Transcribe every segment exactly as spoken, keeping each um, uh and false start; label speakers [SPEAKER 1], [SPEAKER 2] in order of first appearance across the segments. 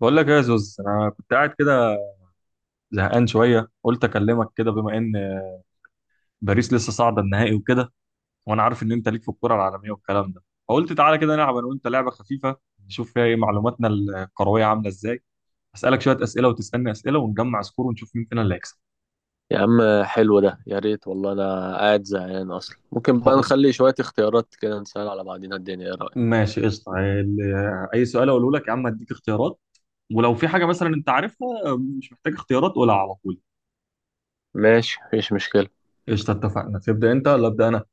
[SPEAKER 1] بقول لك ايه يا زوز، انا كنت قاعد كده زهقان شويه، قلت اكلمك كده بما ان باريس لسه صاعده النهائي وكده، وانا عارف ان انت ليك في الكوره العالميه والكلام ده. فقلت تعالى كده نلعب انا وانت لعبه خفيفه، نشوف فيها ايه معلوماتنا الكرويه عامله ازاي. اسالك شويه اسئله وتسالني اسئله ونجمع سكور ونشوف مين فينا اللي هيكسب.
[SPEAKER 2] يا عم حلو ده، يا ريت والله. انا قاعد زهقان اصلا. ممكن بقى
[SPEAKER 1] خلاص.
[SPEAKER 2] نخلي شوية اختيارات كده، نسأل على بعضينا الدنيا؟ ايه رأيك؟
[SPEAKER 1] ماشي قشطه. ال- اي سؤال اقوله لك يا عم هديك اختيارات، ولو في حاجه مثلا انت عارفها مش محتاج اختيارات قولها على طول.
[SPEAKER 2] ماشي، مفيش مشكلة.
[SPEAKER 1] قشطه اتفقنا. تبدا انت ولا ابدا انا؟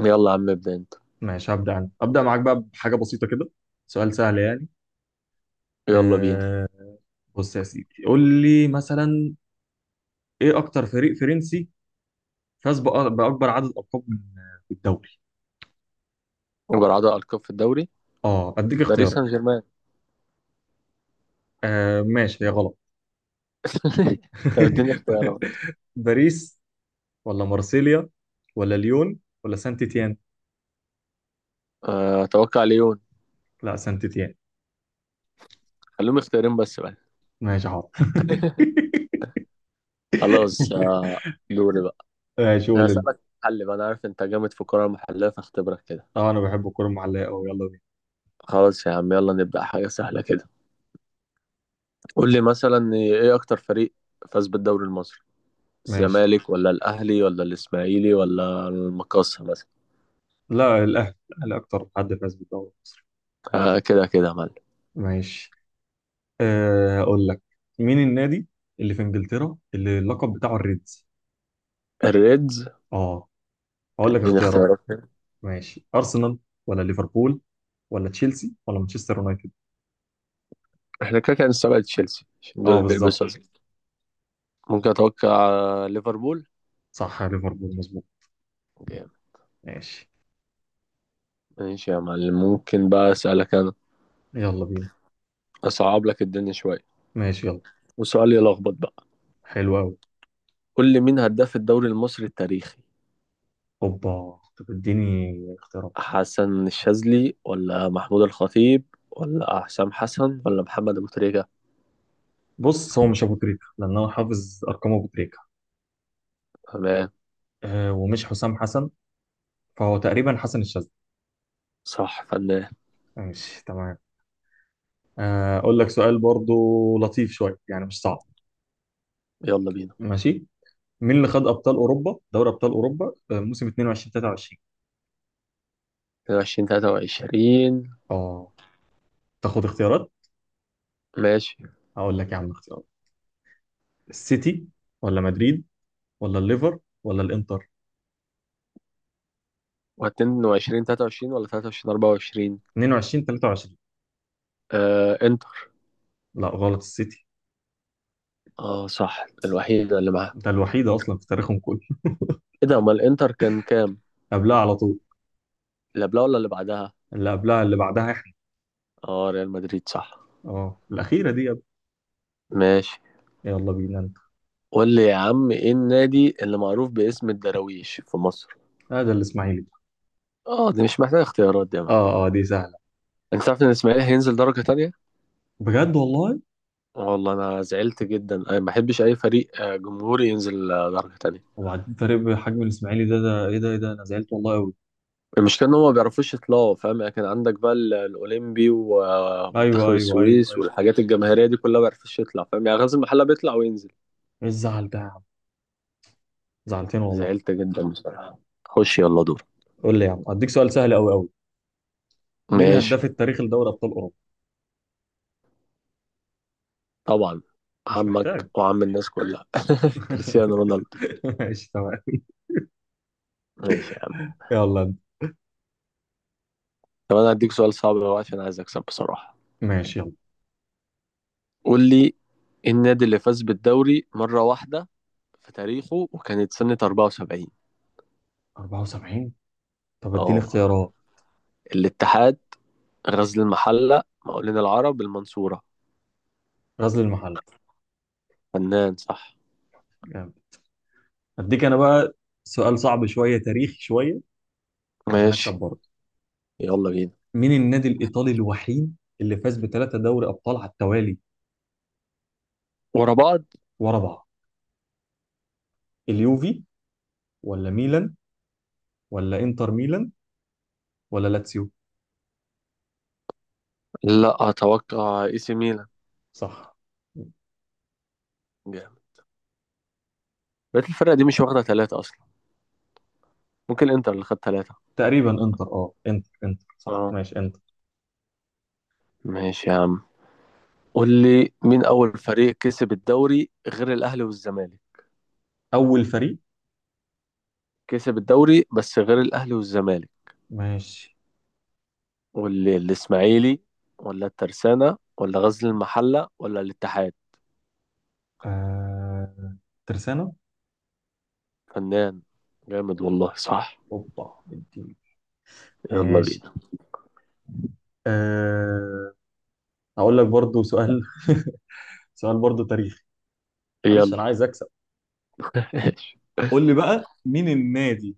[SPEAKER 2] يلا يا عم، ابدأ انت.
[SPEAKER 1] ماشي هبدا انا. ابدا معاك بقى بحاجه بسيطه كده، سؤال سهل يعني.
[SPEAKER 2] يلا بينا.
[SPEAKER 1] آه. بص يا سيدي، قول لي مثلا ايه اكتر فريق فرنسي فاز بأ- باكبر عدد القاب من في الدوري.
[SPEAKER 2] جرعة ألقاب في الدوري؟
[SPEAKER 1] اه اديك
[SPEAKER 2] باريس
[SPEAKER 1] اختيارات.
[SPEAKER 2] سان جيرمان.
[SPEAKER 1] آه ماشي، هي غلط.
[SPEAKER 2] طب اديني اختيارات.
[SPEAKER 1] باريس، ولا مارسيليا، ولا ليون، ولا سانت تيان؟
[SPEAKER 2] آه، اتوقع ليون.
[SPEAKER 1] لا، سانت تيان.
[SPEAKER 2] خليهم اختيارين بس بقى.
[SPEAKER 1] ماشي حاضر.
[SPEAKER 2] خلاص. آه، دوري بقى.
[SPEAKER 1] ماشي
[SPEAKER 2] انا
[SPEAKER 1] قول انت.
[SPEAKER 2] هسألك حل بقى، انا عارف انت جامد في الكرة المحلية فاختبرك كده.
[SPEAKER 1] اه انا بحب الكوره المعلقه قوي، يلا بينا.
[SPEAKER 2] خلاص يا عم، يلا نبدأ حاجة سهلة كده. قول لي مثلا، ايه اكتر فريق فاز بالدوري المصري؟
[SPEAKER 1] ماشي.
[SPEAKER 2] الزمالك ولا الاهلي ولا الاسماعيلي ولا المقاصة مثلا؟
[SPEAKER 1] لا الاهلي الاهلي اكتر حد فاز بالدوري.
[SPEAKER 2] آه كده كده يا معلم.
[SPEAKER 1] ماشي. أه هقول لك، مين النادي اللي في انجلترا اللي اللقب بتاعه الريدز؟
[SPEAKER 2] الريدز؟
[SPEAKER 1] اه هقول لك
[SPEAKER 2] دي
[SPEAKER 1] اختيارات.
[SPEAKER 2] اختيارات.
[SPEAKER 1] ماشي، ارسنال، ولا ليفربول، ولا تشيلسي، ولا مانشستر يونايتد؟
[SPEAKER 2] احنا كده كده هنستبعد تشيلسي عشان دول
[SPEAKER 1] اه
[SPEAKER 2] اللي
[SPEAKER 1] بالظبط.
[SPEAKER 2] بيلبسوا أزرق. ممكن اتوقع ليفربول.
[SPEAKER 1] صح يا ليفربول، مظبوط.
[SPEAKER 2] جامد.
[SPEAKER 1] ماشي.
[SPEAKER 2] ماشي يا معلم، ممكن بقى اسالك انا؟
[SPEAKER 1] يلا بينا.
[SPEAKER 2] اصعب لك الدنيا شويه،
[SPEAKER 1] ماشي يلا.
[SPEAKER 2] وسؤال يلخبط بقى.
[SPEAKER 1] حلو قوي.
[SPEAKER 2] قول لي مين هداف الدوري المصري التاريخي؟
[SPEAKER 1] اوبا، طب اديني اختيارات.
[SPEAKER 2] حسن الشاذلي ولا محمود الخطيب ولا حسام حسن ولا محمد ابو تريكه؟
[SPEAKER 1] بص، هو مش ابو تريكة لان انا حافظ ارقام ابو تريكة.
[SPEAKER 2] تمام،
[SPEAKER 1] أه، ومش حسام حسن، فهو تقريبا حسن الشاذلي.
[SPEAKER 2] صح فنان.
[SPEAKER 1] ماشي تمام. آه، اقول لك سؤال برضو لطيف شويه يعني، مش صعب.
[SPEAKER 2] يلا بينا.
[SPEAKER 1] ماشي. مين اللي خد ابطال اوروبا، دوري ابطال اوروبا آه، موسم اتنين وعشرين تلاتة وعشرين؟
[SPEAKER 2] اتنين وعشرين تلاتة وعشرين؟
[SPEAKER 1] اه تاخد اختيارات.
[SPEAKER 2] ماشي.
[SPEAKER 1] هقول لك يا عم اختيارات. السيتي، ولا مدريد، ولا الليفر، ولا الانتر؟
[SPEAKER 2] واتنين وعشرين تلاتة وعشرين ولا تلاتة وعشرين أربعة وعشرين؟
[SPEAKER 1] اتنين وعشرين تلاتة وعشرين.
[SPEAKER 2] آه انتر.
[SPEAKER 1] لا غلط، السيتي.
[SPEAKER 2] اه صح، الوحيدة اللي معاها.
[SPEAKER 1] ده الوحيده اصلا في تاريخهم كله.
[SPEAKER 2] ايه ده، امال الانتر كان كام؟
[SPEAKER 1] قبلها على طول.
[SPEAKER 2] اللي قبلها ولا اللي بعدها؟
[SPEAKER 1] اللي قبلها اللي بعدها احنا.
[SPEAKER 2] اه ريال مدريد صح.
[SPEAKER 1] اه الاخيره دي يا ابني.
[SPEAKER 2] ماشي.
[SPEAKER 1] يلا بينا انت.
[SPEAKER 2] قول لي يا عم، ايه النادي اللي معروف باسم الدراويش في مصر؟
[SPEAKER 1] هذا ده الاسماعيلي ده.
[SPEAKER 2] اه دي مش محتاجة اختيارات دي يا معلم.
[SPEAKER 1] اه اه، دي سهله.
[SPEAKER 2] انت عارف ان الاسماعيلي هينزل درجة تانية؟
[SPEAKER 1] بجد والله؟
[SPEAKER 2] والله انا زعلت جدا، انا ما بحبش اي فريق آه، جمهوري ينزل آه، درجة تانية.
[SPEAKER 1] وبعدين فريق بحجم الاسماعيلي ده ده ايه ده ايه ده انا زعلت والله قوي.
[SPEAKER 2] المشكلة إن هما ما بيعرفوش يطلعوا، فاهم يعني؟ كان عندك بقى ال- الأولمبي
[SPEAKER 1] ايوه
[SPEAKER 2] ومنتخب
[SPEAKER 1] ايوه ايوه
[SPEAKER 2] السويس
[SPEAKER 1] ايوه.
[SPEAKER 2] والحاجات الجماهيرية دي كلها، ما بيعرفوش يطلع، فاهم يعني؟ غازي المحلة بيطلع وينزل.
[SPEAKER 1] ايه الزعل ده يا عم، زعلتني والله.
[SPEAKER 2] زعلت جدا بصراحة. خش يلا دور.
[SPEAKER 1] قول لي يا عم، اديك سؤال سهل قوي قوي. مين
[SPEAKER 2] ماشي.
[SPEAKER 1] الهداف التاريخي لدوري ابطال اوروبا؟
[SPEAKER 2] طبعا
[SPEAKER 1] مش
[SPEAKER 2] عمك
[SPEAKER 1] محتاج.
[SPEAKER 2] وعم الناس كلها، كريستيانو رونالدو.
[SPEAKER 1] ماشي تمام.
[SPEAKER 2] ماشي يا عم.
[SPEAKER 1] يلا انت.
[SPEAKER 2] طب أنا هديك سؤال صعب بقى، عشان عايز أكسب بصراحة.
[SPEAKER 1] ماشي يلا.
[SPEAKER 2] قول لي، إيه النادي اللي فاز بالدوري مرة واحدة في تاريخه وكانت سنة اربعة وسبعين؟
[SPEAKER 1] أربعة وسبعين؟ طب اديني
[SPEAKER 2] اه،
[SPEAKER 1] اختيارات.
[SPEAKER 2] الاتحاد، غزل المحلة، مقاولين العرب، المنصورة.
[SPEAKER 1] غزل المحل.
[SPEAKER 2] فنان، صح.
[SPEAKER 1] جامد. اديك انا بقى سؤال صعب شويه، تاريخي شويه، عشان اكسب
[SPEAKER 2] ماشي.
[SPEAKER 1] برضه.
[SPEAKER 2] يلا بينا.
[SPEAKER 1] مين النادي الايطالي الوحيد اللي فاز بثلاثه دوري ابطال على التوالي،
[SPEAKER 2] ورا بعض؟
[SPEAKER 1] ورا بعض؟ اليوفي، ولا ميلان، ولا انتر ميلان، ولا لاتسيو؟
[SPEAKER 2] لا اتوقع اي سي ميلان.
[SPEAKER 1] صح.
[SPEAKER 2] جامد. بقيت الفرقة دي مش واخدة ثلاثة اصلا. ممكن الانتر اللي خد ثلاثة.
[SPEAKER 1] تقريبا انتر. اه انتر انتر صح،
[SPEAKER 2] اه.
[SPEAKER 1] ماشي انتر.
[SPEAKER 2] ماشي يا عم. قول لي مين اول فريق كسب الدوري غير الاهلي والزمالك؟
[SPEAKER 1] اول فريق.
[SPEAKER 2] كسب الدوري بس غير الاهلي والزمالك.
[SPEAKER 1] ماشي.
[SPEAKER 2] قول لي الاسماعيلي ولا الترسانة ولا غزل المحلة ولا الاتحاد؟
[SPEAKER 1] آه... ترسانة.
[SPEAKER 2] فنان، جامد والله صح.
[SPEAKER 1] اوبا. اديني.
[SPEAKER 2] يلا
[SPEAKER 1] ماشي.
[SPEAKER 2] بينا.
[SPEAKER 1] آه... هقول لك برضو سؤال. سؤال برضو تاريخي. معلش
[SPEAKER 2] يلا.
[SPEAKER 1] انا عايز اكسب. قول لي بقى، مين النادي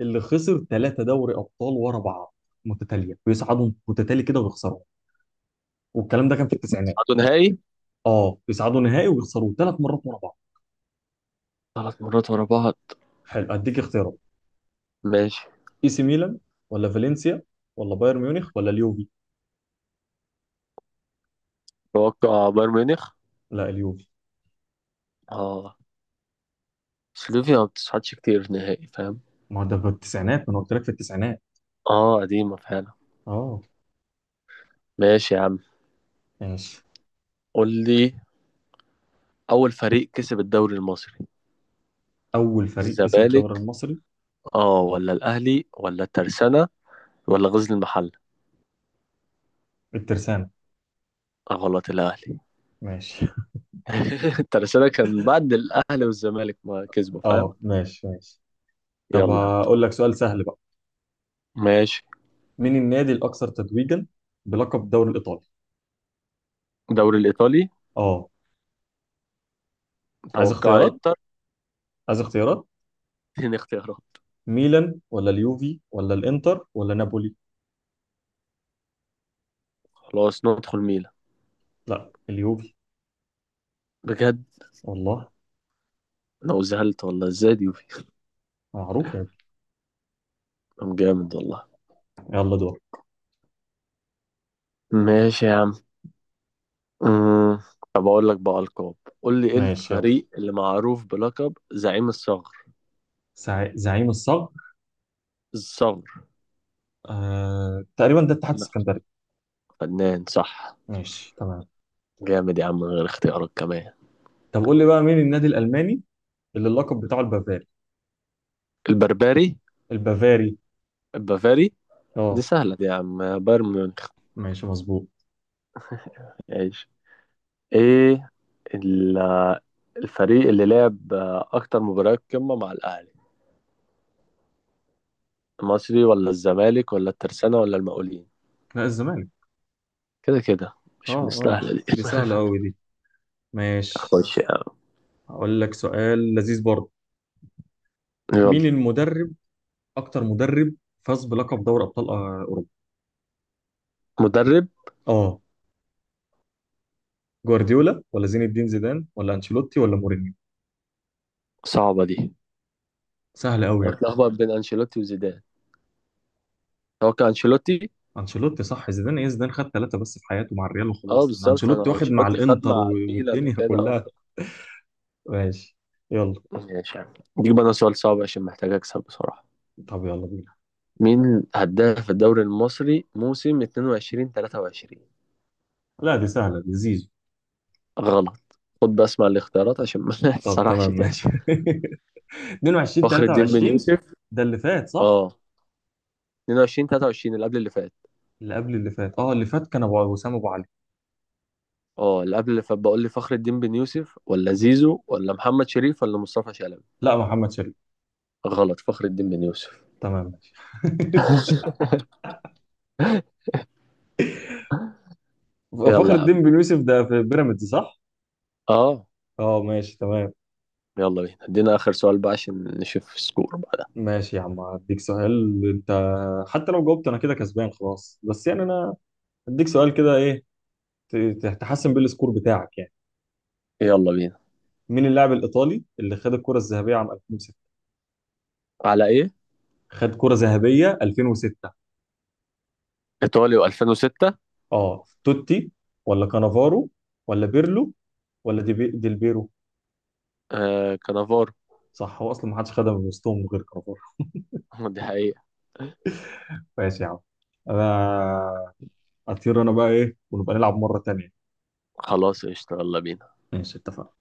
[SPEAKER 1] اللي خسر ثلاثة دوري ابطال ورا بعض متتالية؟ بيصعدوا متتالي كده ويخسروا، والكلام ده كان في التسعينات.
[SPEAKER 2] صعدوا نهائي
[SPEAKER 1] اه بيصعدوا نهائي ويخسروا ثلاث مرات ورا بعض.
[SPEAKER 2] ثلاث مرات ورا بعض؟
[SPEAKER 1] حلو اديك اختيارات.
[SPEAKER 2] ماشي.
[SPEAKER 1] اي سي ميلان، ولا فالنسيا، ولا بايرن ميونخ، ولا اليوفي؟
[SPEAKER 2] توقع بايرن ميونخ.
[SPEAKER 1] لا، اليوفي.
[SPEAKER 2] اه. سلوفيا ما بتصعدش كتير نهائي، فاهم؟
[SPEAKER 1] ما هو ده في التسعينات، ما انا قلت لك في التسعينات.
[SPEAKER 2] اه، قديمة فعلا.
[SPEAKER 1] اه
[SPEAKER 2] ماشي يا عم.
[SPEAKER 1] ماشي.
[SPEAKER 2] قول لي أول فريق كسب الدوري المصري؟
[SPEAKER 1] اول فريق كسب الدوري
[SPEAKER 2] الزمالك
[SPEAKER 1] المصري؟
[SPEAKER 2] اه، ولا الأهلي ولا الترسانة ولا غزل المحلة؟
[SPEAKER 1] الترسانة.
[SPEAKER 2] آه، غلط، الأهلي.
[SPEAKER 1] ماشي.
[SPEAKER 2] الترسانة كان بعد الأهلي والزمالك ما كسبوا، فاهم؟
[SPEAKER 1] اه ماشي ماشي. طب
[SPEAKER 2] يلا يا عم.
[SPEAKER 1] هقول لك سؤال سهل بقى.
[SPEAKER 2] ماشي.
[SPEAKER 1] مين النادي الاكثر تتويجا بلقب الدوري الايطالي؟
[SPEAKER 2] الدوري الإيطالي؟
[SPEAKER 1] اه عايز
[SPEAKER 2] توقع
[SPEAKER 1] اختيارات.
[SPEAKER 2] إنتر.
[SPEAKER 1] عايز اختيارات.
[SPEAKER 2] اتنين اختيارات.
[SPEAKER 1] ميلان، ولا اليوفي، ولا الانتر، ولا نابولي؟
[SPEAKER 2] خلاص ندخل ميلان.
[SPEAKER 1] لا، اليوفي.
[SPEAKER 2] بجد؟
[SPEAKER 1] والله
[SPEAKER 2] انا زهلت والله، ازاي دي؟
[SPEAKER 1] معروف يا ابني.
[SPEAKER 2] طب جامد والله.
[SPEAKER 1] يلا دور.
[SPEAKER 2] ماشي يا عم. أمم، طب أقول لك بقى ألقاب. قول لي إيه
[SPEAKER 1] ماشي يلا.
[SPEAKER 2] الفريق اللي معروف بلقب زعيم الصغر؟
[SPEAKER 1] زع- زعيم الصقر.
[SPEAKER 2] الصغر.
[SPEAKER 1] آه... تقريبا ده اتحاد
[SPEAKER 2] لا.
[SPEAKER 1] السكندري.
[SPEAKER 2] فنان، صح.
[SPEAKER 1] ماشي تمام.
[SPEAKER 2] جامد يا عم، من غير اختيارات كمان.
[SPEAKER 1] طب قول لي بقى، مين النادي الالماني اللي اللقب بتاعه البافاري؟
[SPEAKER 2] البربري؟
[SPEAKER 1] البافاري.
[SPEAKER 2] البافاري. دي
[SPEAKER 1] اه.
[SPEAKER 2] سهلة دي يا عم، بايرن ميونخ.
[SPEAKER 1] ماشي مظبوط.
[SPEAKER 2] عيش. إيه ال- الفريق اللي لعب آه، أكتر مباريات قمة مع الأهلي؟ المصري ولا الزمالك ولا الترسانة ولا المقاولين؟
[SPEAKER 1] لا الزمالك.
[SPEAKER 2] كده كده،
[SPEAKER 1] اه
[SPEAKER 2] مش
[SPEAKER 1] اه
[SPEAKER 2] مستاهلة دي.
[SPEAKER 1] دي سهلة أوي دي. ماشي.
[SPEAKER 2] خش يا عم.
[SPEAKER 1] هقول لك سؤال لذيذ برضه.
[SPEAKER 2] يلا.
[SPEAKER 1] مين المدرب، أكتر مدرب فاز بلقب دوري أبطال آه، أوروبا؟
[SPEAKER 2] مدرب.
[SPEAKER 1] اه. جوارديولا، ولا زين الدين زيدان، ولا أنشيلوتي، ولا مورينيو؟
[SPEAKER 2] صعبة دي.
[SPEAKER 1] سهلة أوي يا ابني.
[SPEAKER 2] اتلخبط بين انشيلوتي وزيدان. هو كان انشيلوتي.
[SPEAKER 1] أنشيلوتي صح. زيدان إيه، زيدان خد ثلاثة بس في حياته مع الريال
[SPEAKER 2] اه
[SPEAKER 1] وخلاص، إن
[SPEAKER 2] بالظبط،
[SPEAKER 1] أنشيلوتي
[SPEAKER 2] انا
[SPEAKER 1] واخد مع
[SPEAKER 2] انشيلوتي خد
[SPEAKER 1] الإنتر و-
[SPEAKER 2] مع الميلان
[SPEAKER 1] والدنيا
[SPEAKER 2] وكده، اه.
[SPEAKER 1] كلها. ماشي. يلا.
[SPEAKER 2] ماشي. دي بقى سؤال صعب عشان محتاج اكسب بصراحة.
[SPEAKER 1] طب يلا بينا.
[SPEAKER 2] مين هداف الدوري المصري موسم اتنين وعشرين تلاتة وعشرين؟
[SPEAKER 1] لا دي سهلة دي، زيزو.
[SPEAKER 2] غلط. خد بس مع الاختيارات عشان ما
[SPEAKER 1] طب
[SPEAKER 2] تسرحش
[SPEAKER 1] تمام
[SPEAKER 2] تاني.
[SPEAKER 1] ماشي. اتنين وعشرين
[SPEAKER 2] فخر الدين بن
[SPEAKER 1] تلاتة وعشرين.
[SPEAKER 2] يوسف.
[SPEAKER 1] ده اللي فات صح؟
[SPEAKER 2] اه. اتنين وعشرين تلاتة وعشرين، اللي قبل اللي فات.
[SPEAKER 1] اللي قبل اللي فات، اه اللي فات كان ابو وسام، ابو علي.
[SPEAKER 2] اه اللي قبل اللي فات. بقول لي فخر الدين بن يوسف ولا
[SPEAKER 1] مم.
[SPEAKER 2] زيزو ولا محمد شريف ولا مصطفى شلبي؟
[SPEAKER 1] لا محمد شلبي.
[SPEAKER 2] غلط، فخر الدين بن يوسف.
[SPEAKER 1] تمام ماشي. فخر
[SPEAKER 2] يلا يا
[SPEAKER 1] الدين
[SPEAKER 2] عم.
[SPEAKER 1] بن يوسف ده في بيراميدز صح؟
[SPEAKER 2] اه.
[SPEAKER 1] اه ماشي تمام.
[SPEAKER 2] يلا بينا، ادينا اخر سؤال بقى عشان نشوف السكور بعدها.
[SPEAKER 1] ماشي يا عم، هديك سؤال انت، حتى لو جاوبت انا كده كسبان خلاص، بس يعني انا هديك سؤال كده ايه، ت- ت- تحسن بيه السكور بتاعك يعني.
[SPEAKER 2] يلا بينا.
[SPEAKER 1] مين اللاعب الايطالي اللي خد الكرة الذهبية عام ألفين وستة؟
[SPEAKER 2] على ايه؟
[SPEAKER 1] خد كرة ذهبية ألفين وستة.
[SPEAKER 2] ايطاليا الفين و ستة.
[SPEAKER 1] اه توتي، ولا كانافارو، ولا بيرلو، ولا دي ديلبيرو؟
[SPEAKER 2] آه كانافارو.
[SPEAKER 1] صح، هو اصلا ما حدش خدها من وسطهم غير كانافارو.
[SPEAKER 2] دي حقيقة.
[SPEAKER 1] ماشي يا عم. انا اطير انا بقى ايه، ونبقى نلعب مرة تانية.
[SPEAKER 2] خلاص قشطة، يلا بينا.
[SPEAKER 1] ماشي اتفقنا.